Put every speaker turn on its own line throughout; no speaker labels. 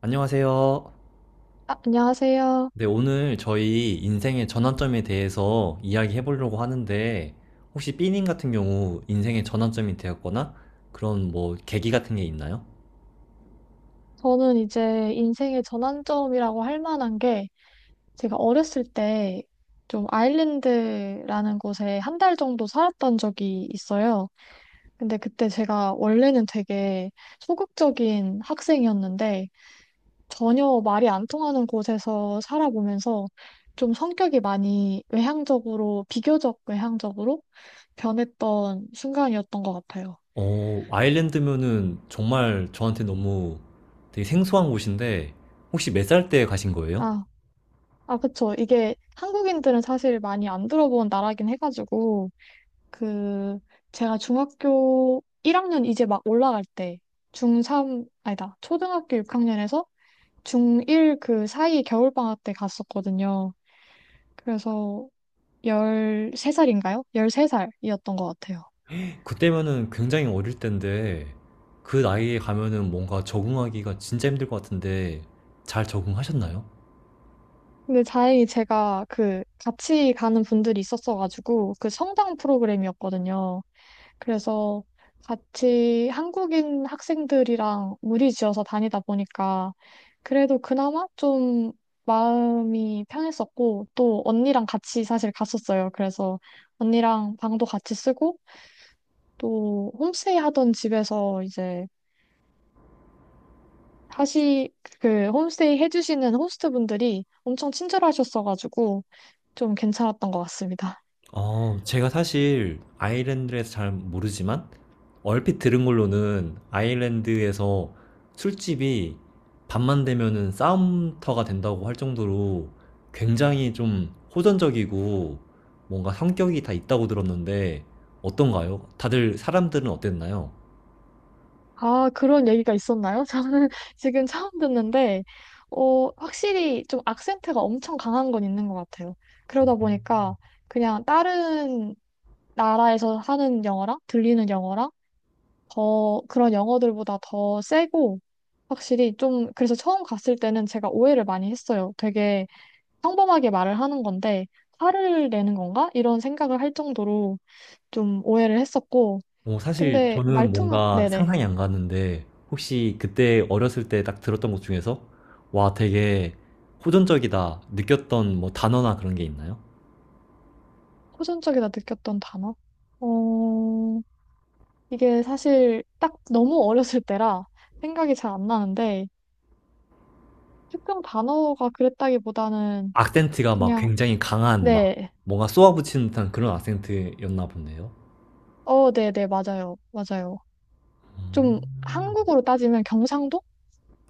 안녕하세요.
아, 안녕하세요.
네, 오늘 저희 인생의 전환점에 대해서 이야기해 보려고 하는데, 혹시 삐님 같은 경우 인생의 전환점이 되었거나 그런 뭐 계기 같은 게 있나요?
저는 이제 인생의 전환점이라고 할 만한 게 제가 어렸을 때 좀 아일랜드라는 곳에 한 달 정도 살았던 적이 있어요. 근데 그때 제가 원래는 되게 소극적인 학생이었는데 전혀 말이 안 통하는 곳에서 살아보면서 좀 성격이 많이 외향적으로, 비교적 외향적으로 변했던 순간이었던 것 같아요.
아일랜드면은 정말 저한테 너무 되게 생소한 곳인데, 혹시 몇 살 때 가신 거예요?
아, 아, 그쵸. 이게 한국인들은 사실 많이 안 들어본 나라긴 해가지고, 그, 제가 중학교 1학년 이제 막 올라갈 때, 중3, 아니다, 초등학교 6학년에서 중1 그 사이 겨울방학 때 갔었거든요. 그래서 13살인가요? 13살이었던 것 같아요.
그때면은 굉장히 어릴 때인데, 그 나이에 가면은 뭔가 적응하기가 진짜 힘들 것 같은데, 잘 적응하셨나요?
근데 다행히 제가 그 같이 가는 분들이 있었어가지고, 그 성당 프로그램이었거든요. 그래서 같이 한국인 학생들이랑 무리지어서 다니다 보니까 그래도 그나마 좀 마음이 편했었고 또 언니랑 같이 사실 갔었어요. 그래서 언니랑 방도 같이 쓰고 또 홈스테이 하던 집에서 이제 하시 그 홈스테이 해주시는 호스트분들이 엄청 친절하셨어가지고 좀 괜찮았던 것 같습니다.
제가 사실 아일랜드에서 잘 모르지만 얼핏 들은 걸로는 아일랜드에서 술집이 밤만 되면은 싸움터가 된다고 할 정도로 굉장히 좀 호전적이고 뭔가 성격이 다 있다고 들었는데 어떤가요? 다들 사람들은 어땠나요?
아, 그런 얘기가 있었나요? 저는 지금 처음 듣는데, 어, 확실히 좀 악센트가 엄청 강한 건 있는 것 같아요. 그러다 보니까 그냥 다른 나라에서 하는 영어랑 들리는 영어랑 더 그런 영어들보다 더 세고, 확실히 좀, 그래서 처음 갔을 때는 제가 오해를 많이 했어요. 되게 평범하게 말을 하는 건데, 화를 내는 건가? 이런 생각을 할 정도로 좀 오해를 했었고,
사실
근데
저는
말투만,
뭔가
네네.
상상이 안 가는데 혹시 그때 어렸을 때 딱 들었던 것 중에서 와, 되게 호전적이다 느꼈던 뭐 단어나 그런 게 있나요?
호전적이다 느꼈던 단어? 어, 이게 사실 딱 너무 어렸을 때라 생각이 잘 안 나는데, 특정 단어가 그랬다기보다는
악센트가 막
그냥,
굉장히 강한 막
네,
뭔가 쏘아붙이는 듯한 그런 악센트였나 보네요.
어, 네, 네, 맞아요. 맞아요. 좀
음.
한국으로 따지면 경상도?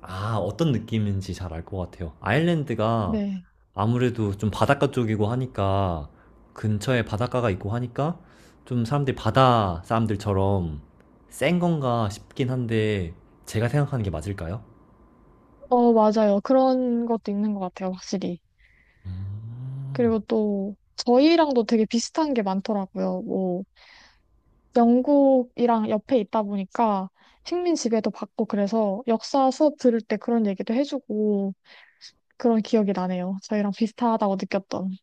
아, 어떤 느낌인지 잘 알 것 같아요. 아일랜드가
네.
아무래도 좀 바닷가 쪽이고 하니까 근처에 바닷가가 있고 하니까 좀 사람들이 바다 사람들처럼 센 건가 싶긴 한데 제가 생각하는 게 맞을까요?
어, 맞아요. 그런 것도 있는 것 같아요, 확실히.
음.
그리고 또 저희랑도 되게 비슷한 게 많더라고요. 뭐, 영국이랑 옆에 있다 보니까 식민 지배도 받고 그래서 역사 수업 들을 때 그런 얘기도 해주고 그런 기억이 나네요. 저희랑 비슷하다고 느꼈던.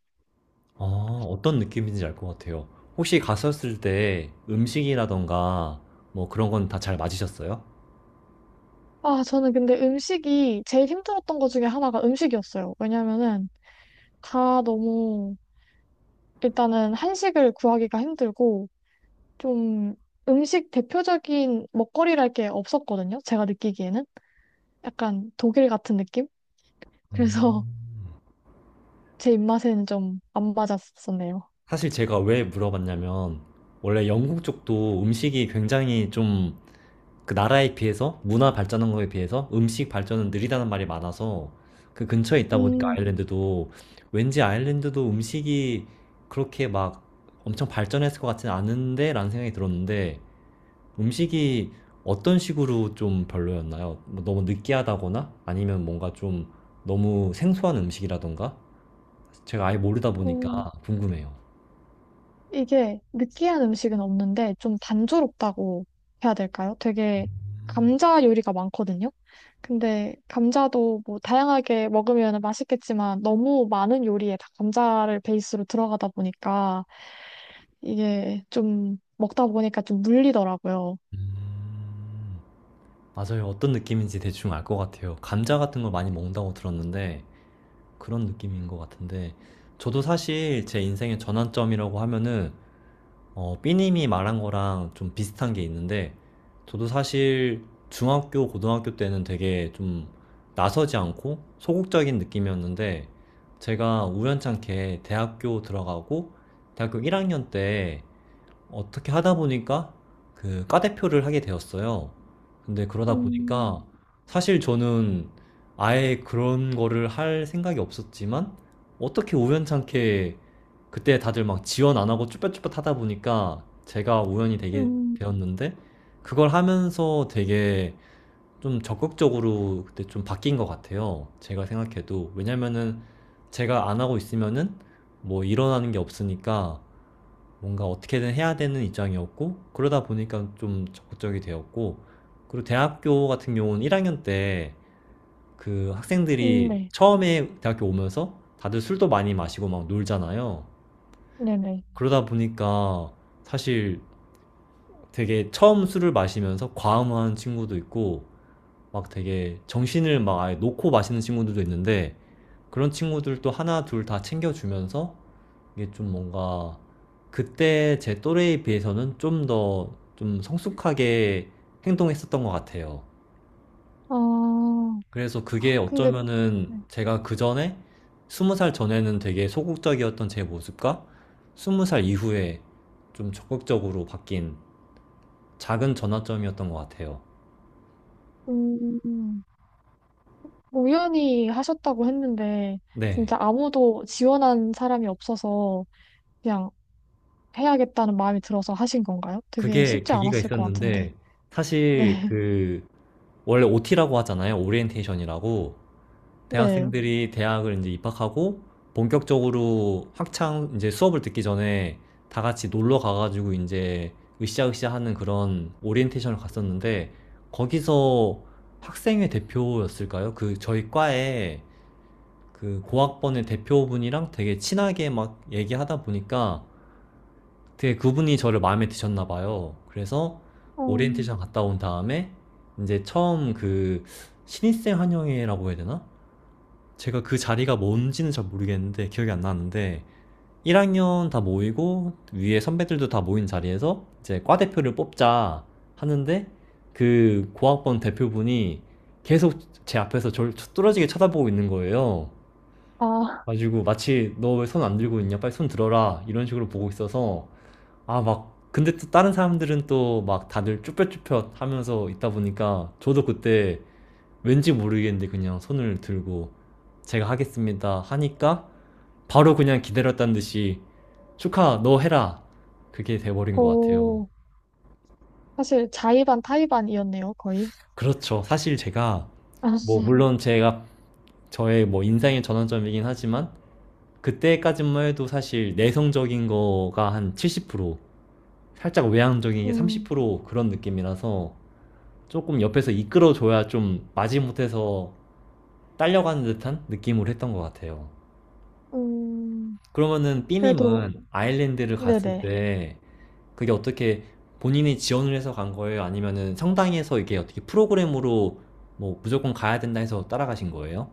아, 어떤 느낌인지 알 것 같아요. 혹시 갔었을 때 음식이라던가 뭐 그런 건 다 잘 맞으셨어요?
아, 저는 근데 음식이 제일 힘들었던 것 중에 하나가 음식이었어요. 왜냐면은 다 너무 일단은 한식을 구하기가 힘들고 좀 음식 대표적인 먹거리랄 게 없었거든요. 제가 느끼기에는 약간 독일 같은 느낌? 그래서
음.
제 입맛에는 좀 안 맞았었네요.
사실 제가 왜 물어봤냐면, 원래 영국 쪽도 음식이 굉장히 좀 그 나라에 비해서, 문화 발전한 거에 비해서 음식 발전은 느리다는 말이 많아서 그 근처에 있다 보니까
음,
아일랜드도 왠지 아일랜드도 음식이 그렇게 막 엄청 발전했을 것 같지는 않은데 라는 생각이 들었는데 음식이 어떤 식으로 좀 별로였나요? 뭐 너무 느끼하다거나 아니면 뭔가 좀 너무 생소한 음식이라던가? 제가 아예 모르다 보니까
음,
궁금해요.
이게 느끼한 음식은 없는데 좀 단조롭다고 해야 될까요? 되게 감자 요리가 많거든요. 근데 감자도 뭐 다양하게 먹으면 맛있겠지만 너무 많은 요리에 다 감자를 베이스로 들어가다 보니까 이게 좀 먹다 보니까 좀 물리더라고요.
음. 맞아요. 어떤 느낌인지 대충 알 것 같아요. 감자 같은 걸 많이 먹는다고 들었는데 그런 느낌인 것 같은데 저도 사실 제 인생의 전환점이라고 하면은 삐님이 말한 거랑 좀 비슷한 게 있는데 저도 사실 중학교, 고등학교 때는 되게 좀 나서지 않고 소극적인 느낌이었는데 제가 우연찮게 대학교 들어가고 대학교 1학년 때 어떻게 하다 보니까 그 과대표를 하게 되었어요. 근데 그러다
음,
보니까 사실 저는 아예 그런 거를 할 생각이 없었지만 어떻게 우연찮게 그때 다들 막 지원 안 하고 쭈뼛쭈뼛 하다 보니까 제가 우연히 되게
음,
되었는데 그걸 하면서 되게 좀 적극적으로 그때 좀 바뀐 것 같아요. 제가 생각해도. 왜냐면은 제가 안 하고 있으면은 뭐 일어나는 게 없으니까 뭔가 어떻게든 해야 되는 입장이었고 그러다 보니까 좀 적극적이 되었고 그리고 대학교 같은 경우는 1학년 때 그 학생들이
네.
처음에 대학교 오면서 다들 술도 많이 마시고 막 놀잖아요.
네네.
그러다 보니까 사실 되게 처음 술을 마시면서 과음한 친구도 있고 막 되게 정신을 막 아예 놓고 마시는 친구들도 있는데 그런 친구들도 하나 둘 다 챙겨주면서 이게 좀 뭔가 그때 제 또래에 비해서는 좀 더 좀 성숙하게 행동했었던 것 같아요.
아,
그래서 그게
근데,
어쩌면은
네.
제가 그 전에 스무 살 전에는 되게 소극적이었던 제 모습과 스무 살 이후에 좀 적극적으로 바뀐 작은 전환점이었던 것 같아요.
음, 우연히 하셨다고 했는데
네.
진짜 아무도 지원한 사람이 없어서 그냥 해야겠다는 마음이 들어서 하신 건가요? 되게
그게
쉽지
계기가
않았을 것 같은데.
있었는데
네,
사실 그 원래 OT라고 하잖아요. 오리엔테이션이라고.
네.
대학생들이 대학을 이제 입학하고 본격적으로 학창 이제 수업을 듣기 전에 다 같이 놀러 가가지고 이제 으쌰으쌰 하는 그런 오리엔테이션을 갔었는데 거기서 학생회 대표였을까요? 그 저희 과에 그 고학번의 대표분이랑 되게 친하게 막 얘기하다 보니까 되게 그분이 저를 마음에 드셨나 봐요. 그래서
음,
오리엔테이션 갔다 온 다음에 이제 처음 그 신입생 환영회라고 해야 되나? 제가 그 자리가 뭔지는 잘 모르겠는데 기억이 안 나는데 1학년 다 모이고 위에 선배들도 다 모인 자리에서 이제 과 대표를 뽑자 하는데 그 고학번 대표분이 계속 제 앞에서 저를 뚫어지게 쳐다보고 있는 거예요.
아,
가지고 마치 너 왜 손 안 들고 있냐 빨리 손 들어라 이런 식으로 보고 있어서 아, 막, 근데 또 다른 사람들은 또 막 다들 쭈뼛쭈뼛 하면서 있다 보니까 저도 그때 왠지 모르겠는데 그냥 손을 들고 제가 하겠습니다 하니까 바로 그냥 기다렸다는 듯이 축하, 너 해라. 그게 돼버린 것 같아요.
오, 사실 자의반 타의반이었네요, 거의.
그렇죠. 사실 제가
아,
뭐 물론 제가 저의 뭐 인생의 전환점이긴 하지만 그때까지만 해도 사실 내성적인 거가 한 70%, 살짝 외향적인 게
음,
30% 그런 느낌이라서 조금 옆에서 이끌어줘야 좀 마지못해서 딸려가는 듯한 느낌을 했던 것 같아요.
음,
그러면은
그래도
삐님은 아일랜드를 갔을
네네.
때 그게 어떻게 본인이 지원을 해서 간 거예요? 아니면은 성당에서 이게 어떻게 프로그램으로 뭐 무조건 가야 된다 해서 따라가신 거예요?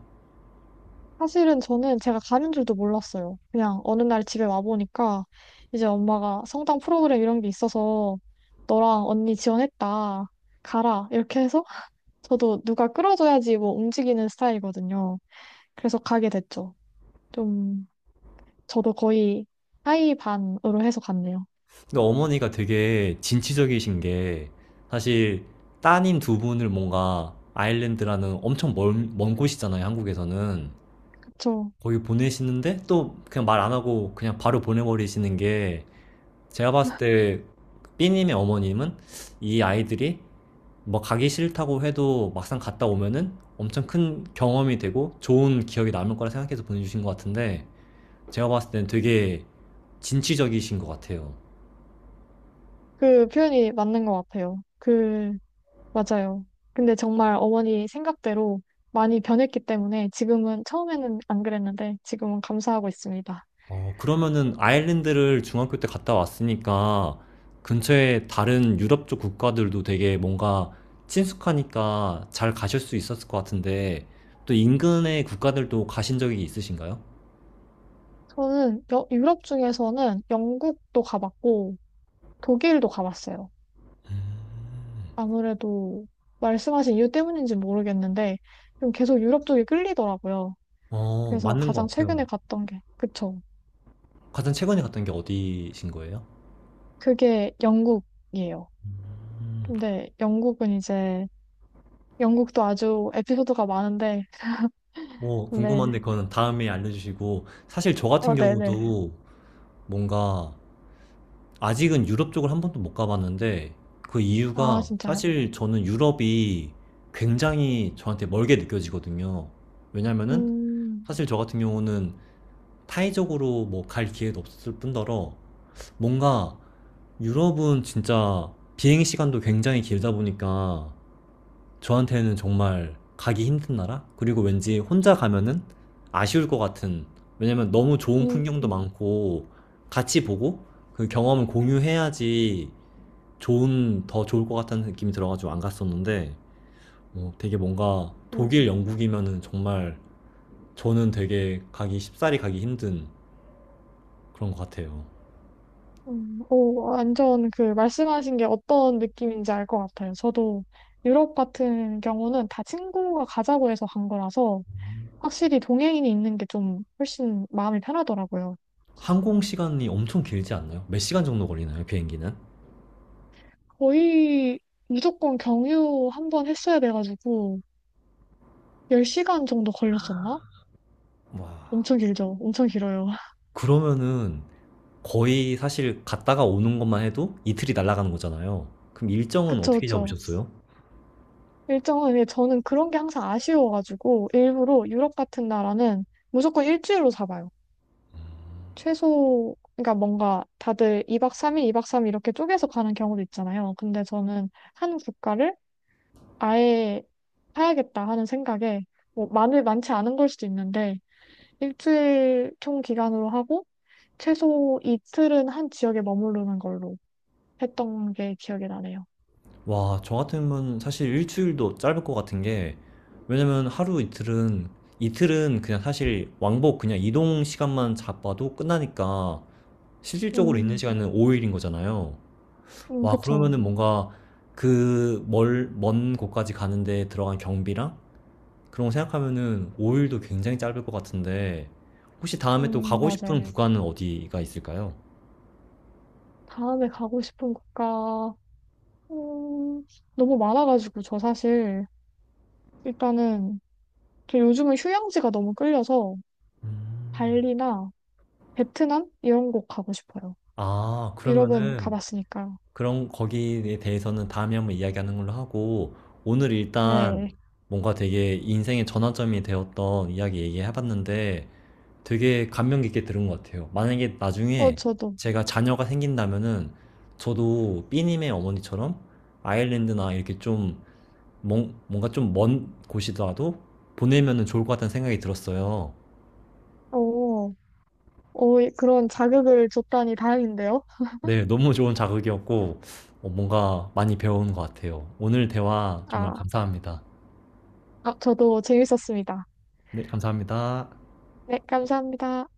사실은 저는 제가 가는 줄도 몰랐어요. 그냥 어느 날 집에 와보니까 이제 엄마가 성당 프로그램 이런 게 있어서 너랑 언니 지원했다. 가라. 이렇게 해서 저도 누가 끌어줘야지 뭐 움직이는 스타일이거든요. 그래서 가게 됐죠. 좀 저도 거의 하이 반으로 해서 갔네요.
근데 어머니가 되게 진취적이신 게 사실 따님 두 분을 뭔가 아일랜드라는 엄청 먼, 먼 곳이잖아요, 한국에서는.
그쵸.
거기 보내시는데 또 그냥 말 안 하고 그냥 바로 보내버리시는 게 제가 봤을 때 B님의 어머님은 이 아이들이 뭐 가기 싫다고 해도 막상 갔다 오면은 엄청 큰 경험이 되고 좋은 기억이 남을 거라 생각해서 보내주신 것 같은데 제가 봤을 땐 되게 진취적이신 것 같아요.
그 표현이 맞는 것 같아요. 맞아요. 근데 정말 어머니 생각대로 많이 변했기 때문에 지금은 처음에는 안 그랬는데 지금은 감사하고 있습니다.
그러면은 아일랜드를 중학교 때 갔다 왔으니까 근처에 다른 유럽 쪽 국가들도 되게 뭔가 친숙하니까 잘 가실 수 있었을 것 같은데 또 인근의 국가들도 가신 적이 있으신가요?
저는 유럽 중에서는 영국도 가봤고 독일도 가봤어요. 아무래도 말씀하신 이유 때문인지 모르겠는데 좀 계속 유럽 쪽이 끌리더라고요. 그래서
맞는
가장
것
최근에
같아요.
갔던 게 그쵸.
가장 최근에 갔던 게 어디신 거예요?
그게 영국이에요.
음,
근데 영국은 이제 영국도 아주 에피소드가 많은데
뭐 궁금한데
네.
그거는 다음에 알려주시고 사실 저 같은
어, 네네.
경우도 뭔가 아직은 유럽 쪽을 한 번도 못 가봤는데 그
아,
이유가
진짜요?
사실 저는 유럽이 굉장히 저한테 멀게 느껴지거든요. 왜냐면은
음,
사실 저 같은 경우는 타이적으로 뭐 갈 기회도 없었을 뿐더러 뭔가 유럽은 진짜 비행 시간도 굉장히 길다 보니까 저한테는 정말 가기 힘든 나라? 그리고 왠지 혼자 가면은 아쉬울 것 같은 왜냐면 너무 좋은
음,
풍경도
음.
많고 같이 보고 그 경험을 공유해야지 좋은 더 좋을 것 같다는 느낌이 들어가지고 안 갔었는데 뭐 되게 뭔가
음.
독일 영국이면은 정말 저는 되게 가기 쉽사리 가기 힘든 그런 것 같아요.
오, 완전 그 말씀하신 게 어떤 느낌인지 알 것 같아요. 저도 유럽 같은 경우는 다 친구가 가자고 해서 간 거라서 확실히 동행인이 있는 게 좀 훨씬 마음이 편하더라고요.
항공 시간이 엄청 길지 않나요? 몇 시간 정도 걸리나요 비행기는?
거의 무조건 경유 한 번 했어야 돼가지고 10시간 정도 걸렸었나?
와,
엄청 길죠. 엄청 길어요.
그러면은 거의 사실 갔다가 오는 것만 해도 이틀이 날아가는 거잖아요. 그럼 일정은
그쵸,
어떻게
그쵸.
잡으셨어요?
일정은 예, 저는 그런 게 항상 아쉬워가지고 일부러 유럽 같은 나라는 무조건 일주일로 잡아요. 최소, 그러니까 뭔가 다들 2박 3일, 2박 3일 이렇게 쪼개서 가는 경우도 있잖아요. 근데 저는 한 국가를 아예 사야겠다 하는 생각에, 뭐, 많지 않은 걸 수도 있는데, 일주일 총 기간으로 하고, 최소 이틀은 한 지역에 머무르는 걸로 했던 게 기억이 나네요.
와, 저 같으면 사실 일주일도 짧을 것 같은 게, 왜냐면 하루 이틀은, 이틀은 그냥 사실 왕복 그냥 이동 시간만 잡아도 끝나니까, 실질적으로 있는
음,
시간은 5일인 거잖아요. 와,
그쵸.
그러면은 뭔가 그 먼 곳까지 가는데 들어간 경비랑 그런 거 생각하면은 5일도 굉장히 짧을 것 같은데, 혹시 다음에 또 가고 싶은 네.
맞아요.
구간은 어디가 있을까요?
다음에 가고 싶은 국가, 음, 너무 많아가지고, 저 사실, 일단은, 저 요즘은 휴양지가 너무 끌려서
음.
발리나 베트남 이런 곳 가고 싶어요.
아,
유럽은
그러면은
가봤으니까.
그런 거기에 대해서는 다음에 한번 이야기하는 걸로 하고 오늘 일단
네.
뭔가 되게 인생의 전환점이 되었던 이야기 얘기해봤는데 되게 감명 깊게 들은 것 같아요. 만약에
어,
나중에
저도.
제가 자녀가 생긴다면은 저도 삐님의 어머니처럼 아일랜드나 이렇게 좀 뭔가 좀 먼 곳이라도 보내면은 좋을 것 같다는 생각이 들었어요.
어, 그런 자극을 줬다니 다행인데요.
네, 너무 좋은 자극이었고 뭔가 많이 배운 것 같아요. 오늘 대화 정말
아,
감사합니다.
아, 저도 재밌었습니다.
네, 감사합니다.
네, 감사합니다.